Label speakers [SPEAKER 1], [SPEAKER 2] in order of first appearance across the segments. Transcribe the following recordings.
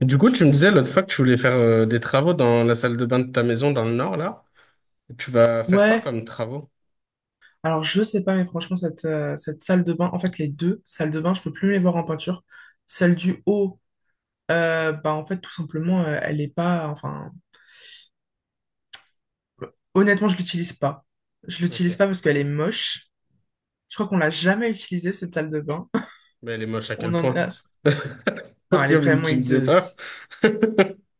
[SPEAKER 1] Du coup, tu me disais l'autre fois que tu voulais faire des travaux dans la salle de bain de ta maison dans le nord, là. Tu vas faire quoi
[SPEAKER 2] Ouais,
[SPEAKER 1] comme travaux?
[SPEAKER 2] alors je sais pas, mais franchement, cette, cette salle de bain, en fait, les deux salles de bain, je peux plus les voir en peinture. Celle du haut, en fait, tout simplement, elle est pas, enfin, honnêtement, je l'utilise pas. Je l'utilise
[SPEAKER 1] Ok.
[SPEAKER 2] pas parce qu'elle est moche. Je crois qu'on l'a jamais utilisée, cette salle de bain.
[SPEAKER 1] Mais elle est moche à
[SPEAKER 2] On
[SPEAKER 1] quel
[SPEAKER 2] en est
[SPEAKER 1] point?
[SPEAKER 2] là. Non, elle est
[SPEAKER 1] Pourquoi vous
[SPEAKER 2] vraiment
[SPEAKER 1] l'utilisez
[SPEAKER 2] hideuse.
[SPEAKER 1] pas?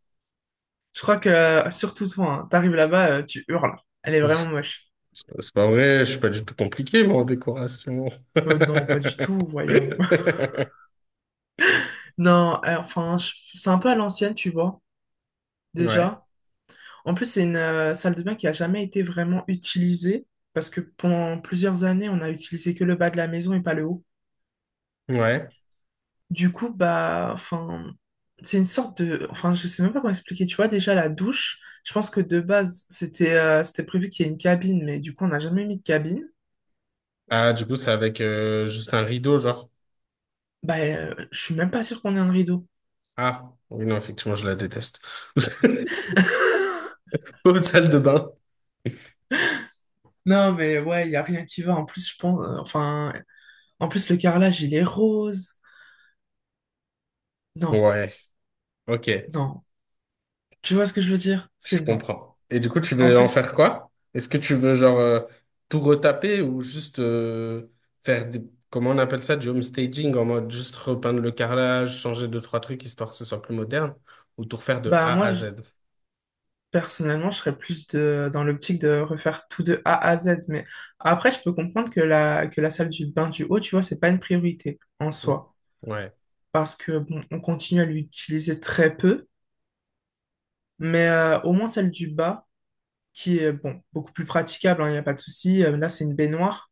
[SPEAKER 2] Je crois que, surtout toi, hein, t'arrives là-bas, tu hurles. Elle est vraiment moche.
[SPEAKER 1] C'est pas vrai, je suis pas du tout compliqué, moi, en décoration.
[SPEAKER 2] Non, pas du tout, voyons. Non, enfin, je- C'est un peu à l'ancienne, tu vois,
[SPEAKER 1] Ouais,
[SPEAKER 2] déjà. En plus, c'est une salle de bain qui a jamais été vraiment utilisée parce que pendant plusieurs années, on a utilisé que le bas de la maison et pas le haut.
[SPEAKER 1] ouais.
[SPEAKER 2] Du coup, bah, enfin, c'est une sorte de, enfin, je sais même pas comment expliquer. Tu vois, déjà la douche, je pense que de base, c'était prévu qu'il y ait une cabine, mais du coup, on n'a jamais mis de cabine.
[SPEAKER 1] Ah, du coup, c'est avec juste un rideau, genre.
[SPEAKER 2] Je suis même pas sûre qu'on ait un rideau.
[SPEAKER 1] Ah, oui, non, effectivement, je la déteste. Aux salles de bain.
[SPEAKER 2] Non, mais ouais, il y a rien qui va. En plus, je pense, en plus, le carrelage, il est rose. Non,
[SPEAKER 1] Ouais, ok.
[SPEAKER 2] non. Tu vois ce que je veux dire?
[SPEAKER 1] Je
[SPEAKER 2] C'est non.
[SPEAKER 1] comprends. Et du coup, tu
[SPEAKER 2] En
[SPEAKER 1] veux en
[SPEAKER 2] plus,
[SPEAKER 1] faire quoi? Est-ce que tu veux genre tout retaper ou juste faire des, comment on appelle ça, du home staging en mode juste repeindre le carrelage, changer deux, trois trucs histoire que ce soit plus moderne ou tout refaire de
[SPEAKER 2] bah,
[SPEAKER 1] A
[SPEAKER 2] moi,
[SPEAKER 1] à
[SPEAKER 2] je-
[SPEAKER 1] Z?
[SPEAKER 2] Personnellement, je serais plus de, dans l'optique de refaire tout de A à Z. Mais après, je peux comprendre que la salle du bain du haut, tu vois, c'est pas une priorité en
[SPEAKER 1] Mm.
[SPEAKER 2] soi.
[SPEAKER 1] Ouais.
[SPEAKER 2] Parce que, bon, on continue à l'utiliser très peu. Mais au moins celle du bas, qui est, bon, beaucoup plus praticable, il n'y a pas de souci. Là, c'est une baignoire.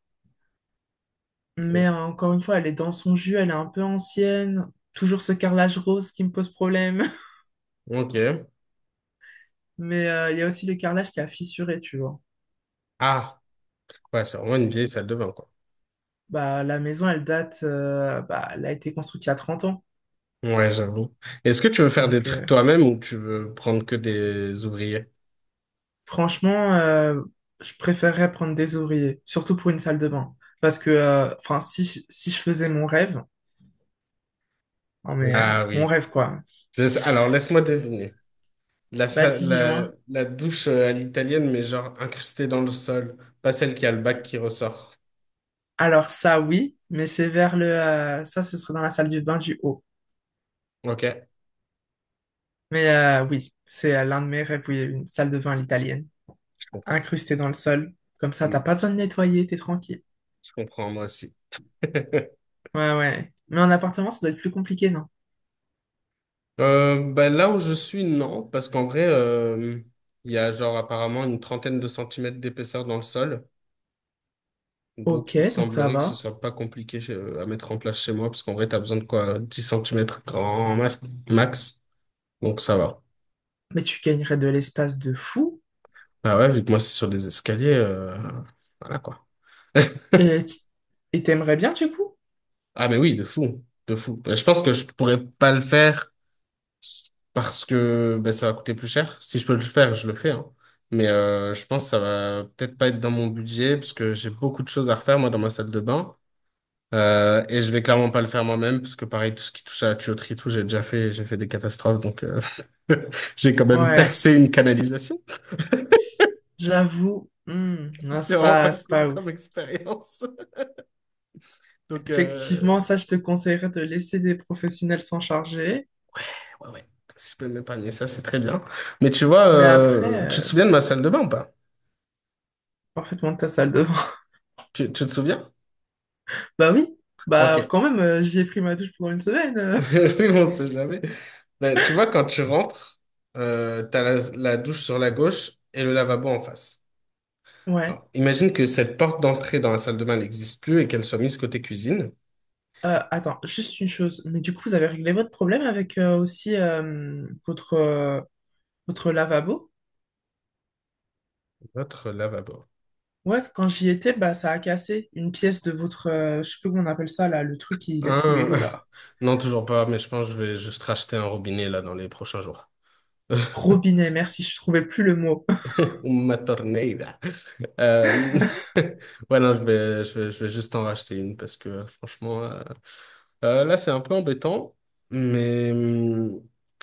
[SPEAKER 2] Mais encore une fois, elle est dans son jus, elle est un peu ancienne. Toujours ce carrelage rose qui me pose problème.
[SPEAKER 1] Ok.
[SPEAKER 2] Mais il y a aussi le carrelage qui a fissuré, tu vois.
[SPEAKER 1] Ah, ouais, c'est vraiment une vieille salle de bain, quoi.
[SPEAKER 2] Bah, la maison, elle date, bah, elle a été construite il y a 30 ans.
[SPEAKER 1] Ouais, j'avoue. Est-ce que tu veux faire des
[SPEAKER 2] Donc,
[SPEAKER 1] trucs
[SPEAKER 2] euh,
[SPEAKER 1] toi-même ou tu veux prendre que des ouvriers?
[SPEAKER 2] Franchement, je préférerais prendre des ouvriers, surtout pour une salle de bain. Parce que, si, si je faisais mon rêve, non mais
[SPEAKER 1] Ah oui.
[SPEAKER 2] mon rêve quoi.
[SPEAKER 1] Alors, laisse-moi deviner. La, sa-
[SPEAKER 2] Vas-y,
[SPEAKER 1] la,
[SPEAKER 2] dis-moi.
[SPEAKER 1] la douche à l'italienne, mais genre incrustée dans le sol. Pas celle qui a le bac qui ressort.
[SPEAKER 2] Alors ça, oui, mais c'est vers le, ça, ce serait dans la salle du bain du haut.
[SPEAKER 1] Ok,
[SPEAKER 2] Mais oui, c'est l'un de mes rêves, oui, une salle de bain à l'italienne,
[SPEAKER 1] je comprends.
[SPEAKER 2] incrustée dans le sol. Comme ça,
[SPEAKER 1] Mm,
[SPEAKER 2] t'as pas besoin de nettoyer, t'es tranquille.
[SPEAKER 1] je comprends, moi aussi.
[SPEAKER 2] Ouais, ouais. Mais en appartement, ça doit être plus compliqué, non?
[SPEAKER 1] Bah, là où je suis, non, parce qu'en vrai, il y a genre apparemment une trentaine de centimètres d'épaisseur dans le sol.
[SPEAKER 2] Ok,
[SPEAKER 1] Donc, il
[SPEAKER 2] donc ça
[SPEAKER 1] semblerait que ce
[SPEAKER 2] va.
[SPEAKER 1] soit pas compliqué à mettre en place chez moi, parce qu'en vrai, t'as besoin de quoi? 10 centimètres max. Donc, ça va.
[SPEAKER 2] Mais tu gagnerais de l'espace de fou.
[SPEAKER 1] Bah ouais, vu que moi, c'est sur des escaliers, voilà quoi.
[SPEAKER 2] Et tu- et t'aimerais bien du coup?
[SPEAKER 1] Ah mais oui, de fou, de fou. Ben, je pense que je pourrais pas le faire parce que ben, ça va coûter plus cher. Si je peux le faire, je le fais, hein. Mais je pense que ça va peut-être pas être dans mon budget parce que j'ai beaucoup de choses à refaire moi dans ma salle de bain. Et je vais clairement pas le faire moi-même parce que pareil, tout ce qui touche à la tuyauterie, et tout, j'ai déjà fait, j'ai fait des catastrophes. Donc j'ai quand même
[SPEAKER 2] Ouais,
[SPEAKER 1] percé une canalisation.
[SPEAKER 2] j'avoue, hmm, non,
[SPEAKER 1] C'était vraiment pas
[SPEAKER 2] c'est
[SPEAKER 1] cool
[SPEAKER 2] pas ouf.
[SPEAKER 1] comme expérience. Donc
[SPEAKER 2] Effectivement, ça, je te conseillerais de laisser des professionnels s'en charger,
[SPEAKER 1] ouais, ouais. Si je peux m'épargner ça, c'est très bien. Mais tu vois,
[SPEAKER 2] mais après,
[SPEAKER 1] tu te souviens de ma salle de bain ou pas?
[SPEAKER 2] parfaitement ta salle de bain.
[SPEAKER 1] Tu te souviens?
[SPEAKER 2] Bah oui,
[SPEAKER 1] Ok.
[SPEAKER 2] bah quand même, j'y ai pris ma douche pendant une semaine.
[SPEAKER 1] Oui, on sait jamais. Ben, tu vois, quand tu rentres, t'as la douche sur la gauche et le lavabo en face.
[SPEAKER 2] Ouais.
[SPEAKER 1] Alors, imagine que cette porte d'entrée dans la salle de bain n'existe plus et qu'elle soit mise côté cuisine.
[SPEAKER 2] Attends, juste une chose, mais du coup, vous avez réglé votre problème avec aussi votre lavabo?
[SPEAKER 1] Votre lavabo.
[SPEAKER 2] Ouais, quand j'y étais, bah ça a cassé une pièce de votre, je sais plus comment on appelle ça là, le truc qui laisse couler
[SPEAKER 1] Hein?
[SPEAKER 2] l'eau là.
[SPEAKER 1] Non, toujours pas, mais je pense que je vais juste racheter un robinet là dans les prochains jours.
[SPEAKER 2] Robinet, merci, je trouvais plus le mot.
[SPEAKER 1] Uma torneira. Euh, ouais, non, je vais juste en racheter une parce que franchement, là, c'est un peu embêtant. Mais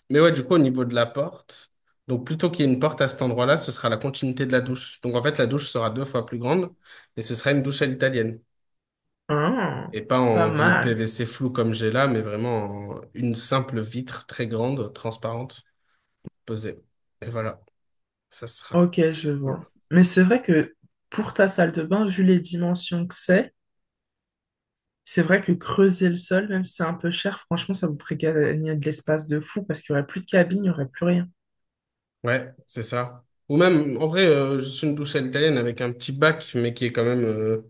[SPEAKER 1] mais ouais, du coup, au niveau de la porte, donc plutôt qu'il y ait une porte à cet endroit-là, ce sera la continuité de la douche. Donc en fait, la douche sera deux fois plus grande et ce sera une douche à l'italienne.
[SPEAKER 2] Ah,
[SPEAKER 1] Et pas
[SPEAKER 2] pas
[SPEAKER 1] en vieux
[SPEAKER 2] mal.
[SPEAKER 1] PVC flou comme j'ai là, mais vraiment en une simple vitre très grande, transparente, posée. Et voilà, ça sera
[SPEAKER 2] Ok, je
[SPEAKER 1] cool.
[SPEAKER 2] vois. Mais c'est vrai que pour ta salle de bain, vu les dimensions que c'est vrai que creuser le sol, même si c'est un peu cher, franchement, ça vous ferait gagner de l'espace de fou parce qu'il n'y aurait plus de cabine, il n'y aurait plus rien.
[SPEAKER 1] Ouais, c'est ça. Ou même, en vrai, juste une douche à l'italienne avec un petit bac, mais qui est quand même euh,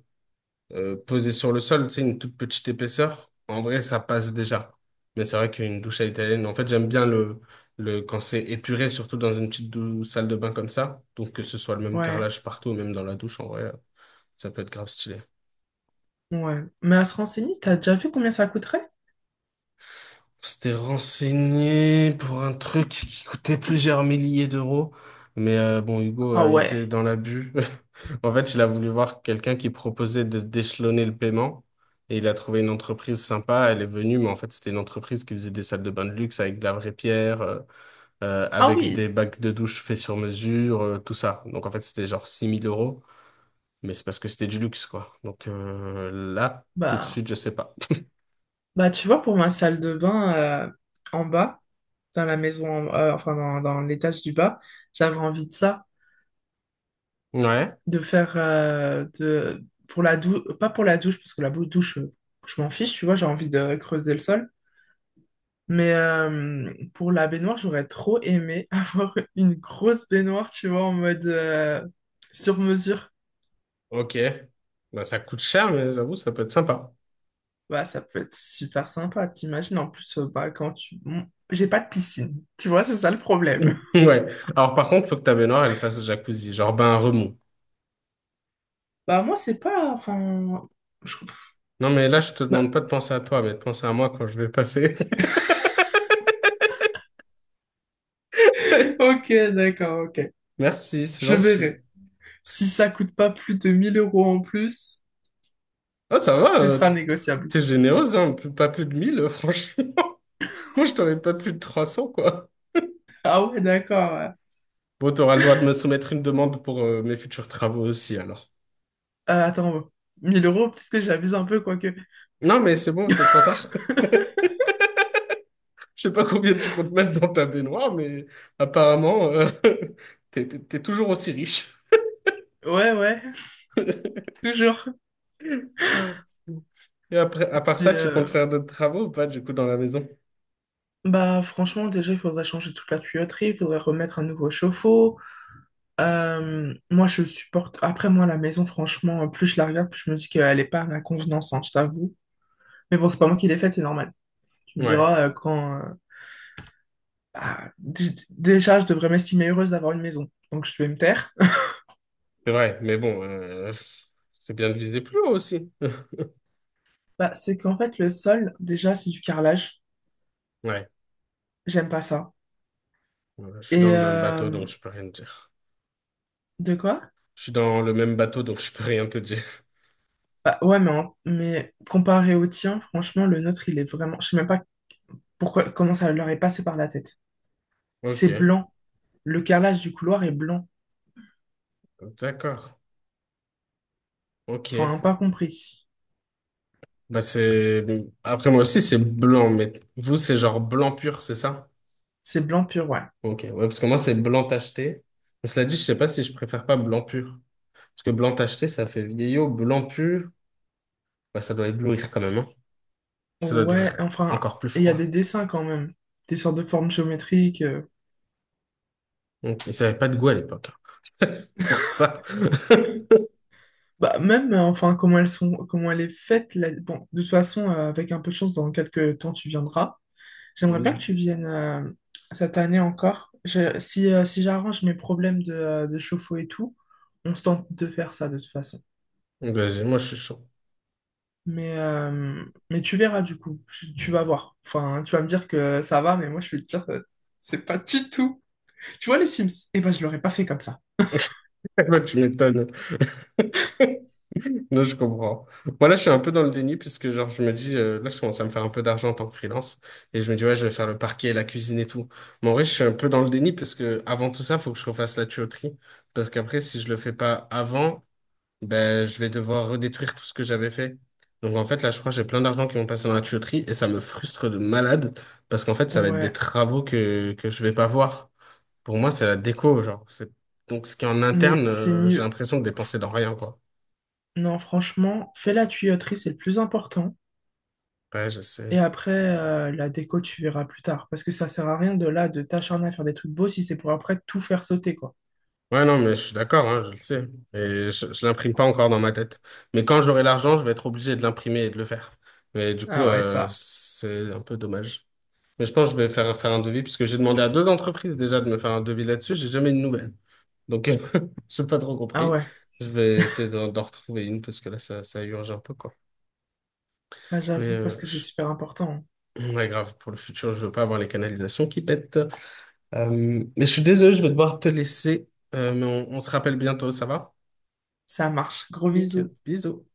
[SPEAKER 1] euh, posé sur le sol, tu sais, une toute petite épaisseur. En vrai, ça passe déjà. Mais c'est vrai qu'une douche à l'italienne, en fait, j'aime bien le, quand c'est épuré, surtout dans une petite salle de bain comme ça. Donc, que ce soit le même
[SPEAKER 2] Ouais,
[SPEAKER 1] carrelage partout, même dans la douche, en vrai, ça peut être grave stylé.
[SPEAKER 2] ouais. Mais à se renseigner, t'as déjà vu combien ça coûterait?
[SPEAKER 1] On s'était renseigné pour un truc qui coûtait plusieurs milliers d'euros. Mais bon, Hugo
[SPEAKER 2] Ah
[SPEAKER 1] a
[SPEAKER 2] ouais.
[SPEAKER 1] été dans l'abus. En fait, il a voulu voir quelqu'un qui proposait de d'échelonner le paiement. Et il a trouvé une entreprise sympa. Elle est venue, mais en fait, c'était une entreprise qui faisait des salles de bain de luxe avec de la vraie pierre,
[SPEAKER 2] Ah
[SPEAKER 1] avec
[SPEAKER 2] oui.
[SPEAKER 1] des bacs de douche faits sur mesure, tout ça. Donc, en fait, c'était genre six mille euros. Mais c'est parce que c'était du luxe, quoi. Donc là, tout de
[SPEAKER 2] Bah,
[SPEAKER 1] suite, je sais pas.
[SPEAKER 2] bah tu vois, pour ma salle de bain en bas, dans la maison, enfin dans l'étage du bas, j'avais envie de ça.
[SPEAKER 1] Ouais.
[SPEAKER 2] De faire de pour la douche pas pour la douche parce que la douche je m'en fiche tu vois j'ai envie de creuser le sol mais pour la baignoire j'aurais trop aimé avoir une grosse baignoire tu vois en mode sur mesure
[SPEAKER 1] Ok. Bah, ça coûte cher, mais j'avoue, ça peut être sympa.
[SPEAKER 2] bah ça peut être super sympa t'imagines en plus bah quand tu Bon, j'ai pas de piscine tu vois c'est ça le problème
[SPEAKER 1] Ouais. Alors, par contre, faut que ta baignoire, elle fasse jacuzzi, genre bain remous.
[SPEAKER 2] bah moi c'est pas enfin je-
[SPEAKER 1] Non, mais là, je te
[SPEAKER 2] bah,
[SPEAKER 1] demande pas de penser à toi, mais de penser à moi quand je vais passer.
[SPEAKER 2] ok d'accord ok
[SPEAKER 1] Merci, c'est
[SPEAKER 2] je
[SPEAKER 1] gentil.
[SPEAKER 2] verrai si ça coûte pas plus de 1000 euros en plus
[SPEAKER 1] Ah, ça va,
[SPEAKER 2] ce sera négociable.
[SPEAKER 1] t'es généreuse, hein, pas plus de 1 000 franchement. Moi, je t'aurais pas plus de 300 quoi.
[SPEAKER 2] Ah ouais, d'accord. Ouais.
[SPEAKER 1] Bon, t'auras le droit de me soumettre une demande pour mes futurs travaux aussi, alors.
[SPEAKER 2] Attends, 1000 euros, peut-être que j'abuse un peu, quoique.
[SPEAKER 1] Non, mais c'est bon, c'est trop tard. Je sais pas combien tu comptes mettre dans ta baignoire, mais apparemment, t'es toujours aussi riche.
[SPEAKER 2] Ouais, ouais, toujours.
[SPEAKER 1] Euh, Et après, à part
[SPEAKER 2] Et,
[SPEAKER 1] ça, tu
[SPEAKER 2] euh,
[SPEAKER 1] comptes faire d'autres travaux ou pas, du coup, dans la maison?
[SPEAKER 2] Franchement, déjà, il faudrait changer toute la tuyauterie, il faudrait remettre un nouveau chauffe-eau. Moi, je supporte. Après, moi, la maison, franchement, plus je la regarde, plus je me dis qu'elle est pas à ma convenance, hein, je t'avoue. Mais bon, c'est pas moi qui l'ai faite, c'est normal. Tu me
[SPEAKER 1] Ouais,
[SPEAKER 2] diras quand. Bah, déjà, je devrais m'estimer heureuse d'avoir une maison, donc je vais me taire.
[SPEAKER 1] c'est vrai, mais bon, c'est bien de viser plus haut aussi.
[SPEAKER 2] Bah, c'est qu'en fait, le sol, déjà, c'est du carrelage.
[SPEAKER 1] Ouais,
[SPEAKER 2] J'aime pas ça.
[SPEAKER 1] ouais, je suis dans
[SPEAKER 2] Et
[SPEAKER 1] le même
[SPEAKER 2] euh,
[SPEAKER 1] bateau, donc je peux rien te dire.
[SPEAKER 2] de quoi?
[SPEAKER 1] Je suis dans le même bateau, donc je peux rien te dire.
[SPEAKER 2] Bah ouais, mais, mais comparé au tien, franchement, le nôtre, il est vraiment. Je sais même pas pourquoi, comment ça leur est passé par la tête.
[SPEAKER 1] Ok,
[SPEAKER 2] C'est blanc. Le carrelage du couloir est blanc.
[SPEAKER 1] d'accord.
[SPEAKER 2] Enfin,
[SPEAKER 1] Ok.
[SPEAKER 2] pas compris.
[SPEAKER 1] Bah c'est... Après moi aussi, c'est blanc, mais vous, c'est genre blanc pur, c'est ça?
[SPEAKER 2] C'est blanc pur, ouais.
[SPEAKER 1] Ok, ouais, parce que moi, c'est blanc tacheté. Mais cela dit, je sais pas si je préfère pas blanc pur. Parce que blanc tacheté, ça fait vieillot. Blanc pur, ouais, ça doit éblouir quand même, hein. Ça doit être
[SPEAKER 2] Ouais, enfin,
[SPEAKER 1] encore plus
[SPEAKER 2] et il y a
[SPEAKER 1] froid.
[SPEAKER 2] des dessins quand même. Des sortes de formes géométriques.
[SPEAKER 1] Donc, ils n'avaient pas de goût à l'époque, hein. Pour ça.
[SPEAKER 2] Bah même, comment elles sont, comment elle est faite. Bon, de toute façon, avec un peu de chance, dans quelques temps, tu viendras. J'aimerais bien que
[SPEAKER 1] Oui.
[SPEAKER 2] tu viennes cette année encore. Si j'arrange mes problèmes de chauffe-eau et tout, on se tente de faire ça de toute façon.
[SPEAKER 1] Donc, vas-y, moi, je suis chaud.
[SPEAKER 2] Mais, euh, mais tu verras du coup, tu vas voir. Enfin, tu vas me dire que ça va, mais moi je vais te dire, c'est pas du tout. Tu vois les Sims? Eh ben, je l'aurais pas fait comme ça.
[SPEAKER 1] Bah, tu m'étonnes. Là, je comprends. Moi, là, je suis un peu dans le déni puisque, genre, je me dis, là, je commence à me faire un peu d'argent en tant que freelance et je me dis, ouais, je vais faire le parquet, la cuisine et tout. Mais en vrai, je suis un peu dans le déni parce que, avant tout ça, faut que je refasse la tuyauterie parce qu'après, si je le fais pas avant, ben, je vais devoir redétruire tout ce que j'avais fait. Donc, en fait, là, je crois que j'ai plein d'argent qui vont passer dans la tuyauterie et ça me frustre de malade parce qu'en fait, ça va être des
[SPEAKER 2] Ouais,
[SPEAKER 1] travaux que je vais pas voir. Pour moi, c'est la déco, genre. C'est... Donc, ce qui est en
[SPEAKER 2] mais
[SPEAKER 1] interne,
[SPEAKER 2] c'est
[SPEAKER 1] j'ai
[SPEAKER 2] mieux.
[SPEAKER 1] l'impression de
[SPEAKER 2] F-
[SPEAKER 1] dépenser dans rien, quoi.
[SPEAKER 2] Non, franchement, fais la tuyauterie, c'est le plus important.
[SPEAKER 1] Ouais, je
[SPEAKER 2] Et
[SPEAKER 1] sais.
[SPEAKER 2] après, la déco, tu verras plus tard. Parce que ça sert à rien de là, de t'acharner à faire des trucs beaux si c'est pour après tout faire sauter, quoi.
[SPEAKER 1] Ouais, non, mais je suis d'accord, hein, je le sais. Et je l'imprime pas encore dans ma tête. Mais quand j'aurai l'argent, je vais être obligé de l'imprimer et de le faire. Mais du coup,
[SPEAKER 2] Ah ouais, ça.
[SPEAKER 1] c'est un peu dommage. Mais je pense que je vais faire un devis, puisque j'ai demandé à deux entreprises déjà de me faire un devis là-dessus. J'ai jamais eu de nouvelles. Donc, j'ai pas trop
[SPEAKER 2] Ah
[SPEAKER 1] compris.
[SPEAKER 2] ouais,
[SPEAKER 1] Je vais essayer d'en retrouver une, parce que là, ça urge un peu, quoi.
[SPEAKER 2] bah
[SPEAKER 1] Mais
[SPEAKER 2] j'avoue, parce que c'est super important. Hein.
[SPEAKER 1] ouais, grave, pour le futur, je veux pas avoir les canalisations qui pètent. Euh, mais je suis désolé, je vais devoir te laisser. Mais on se rappelle bientôt, ça va?
[SPEAKER 2] Ça marche. Gros
[SPEAKER 1] Nickel.
[SPEAKER 2] bisous.
[SPEAKER 1] Bisous.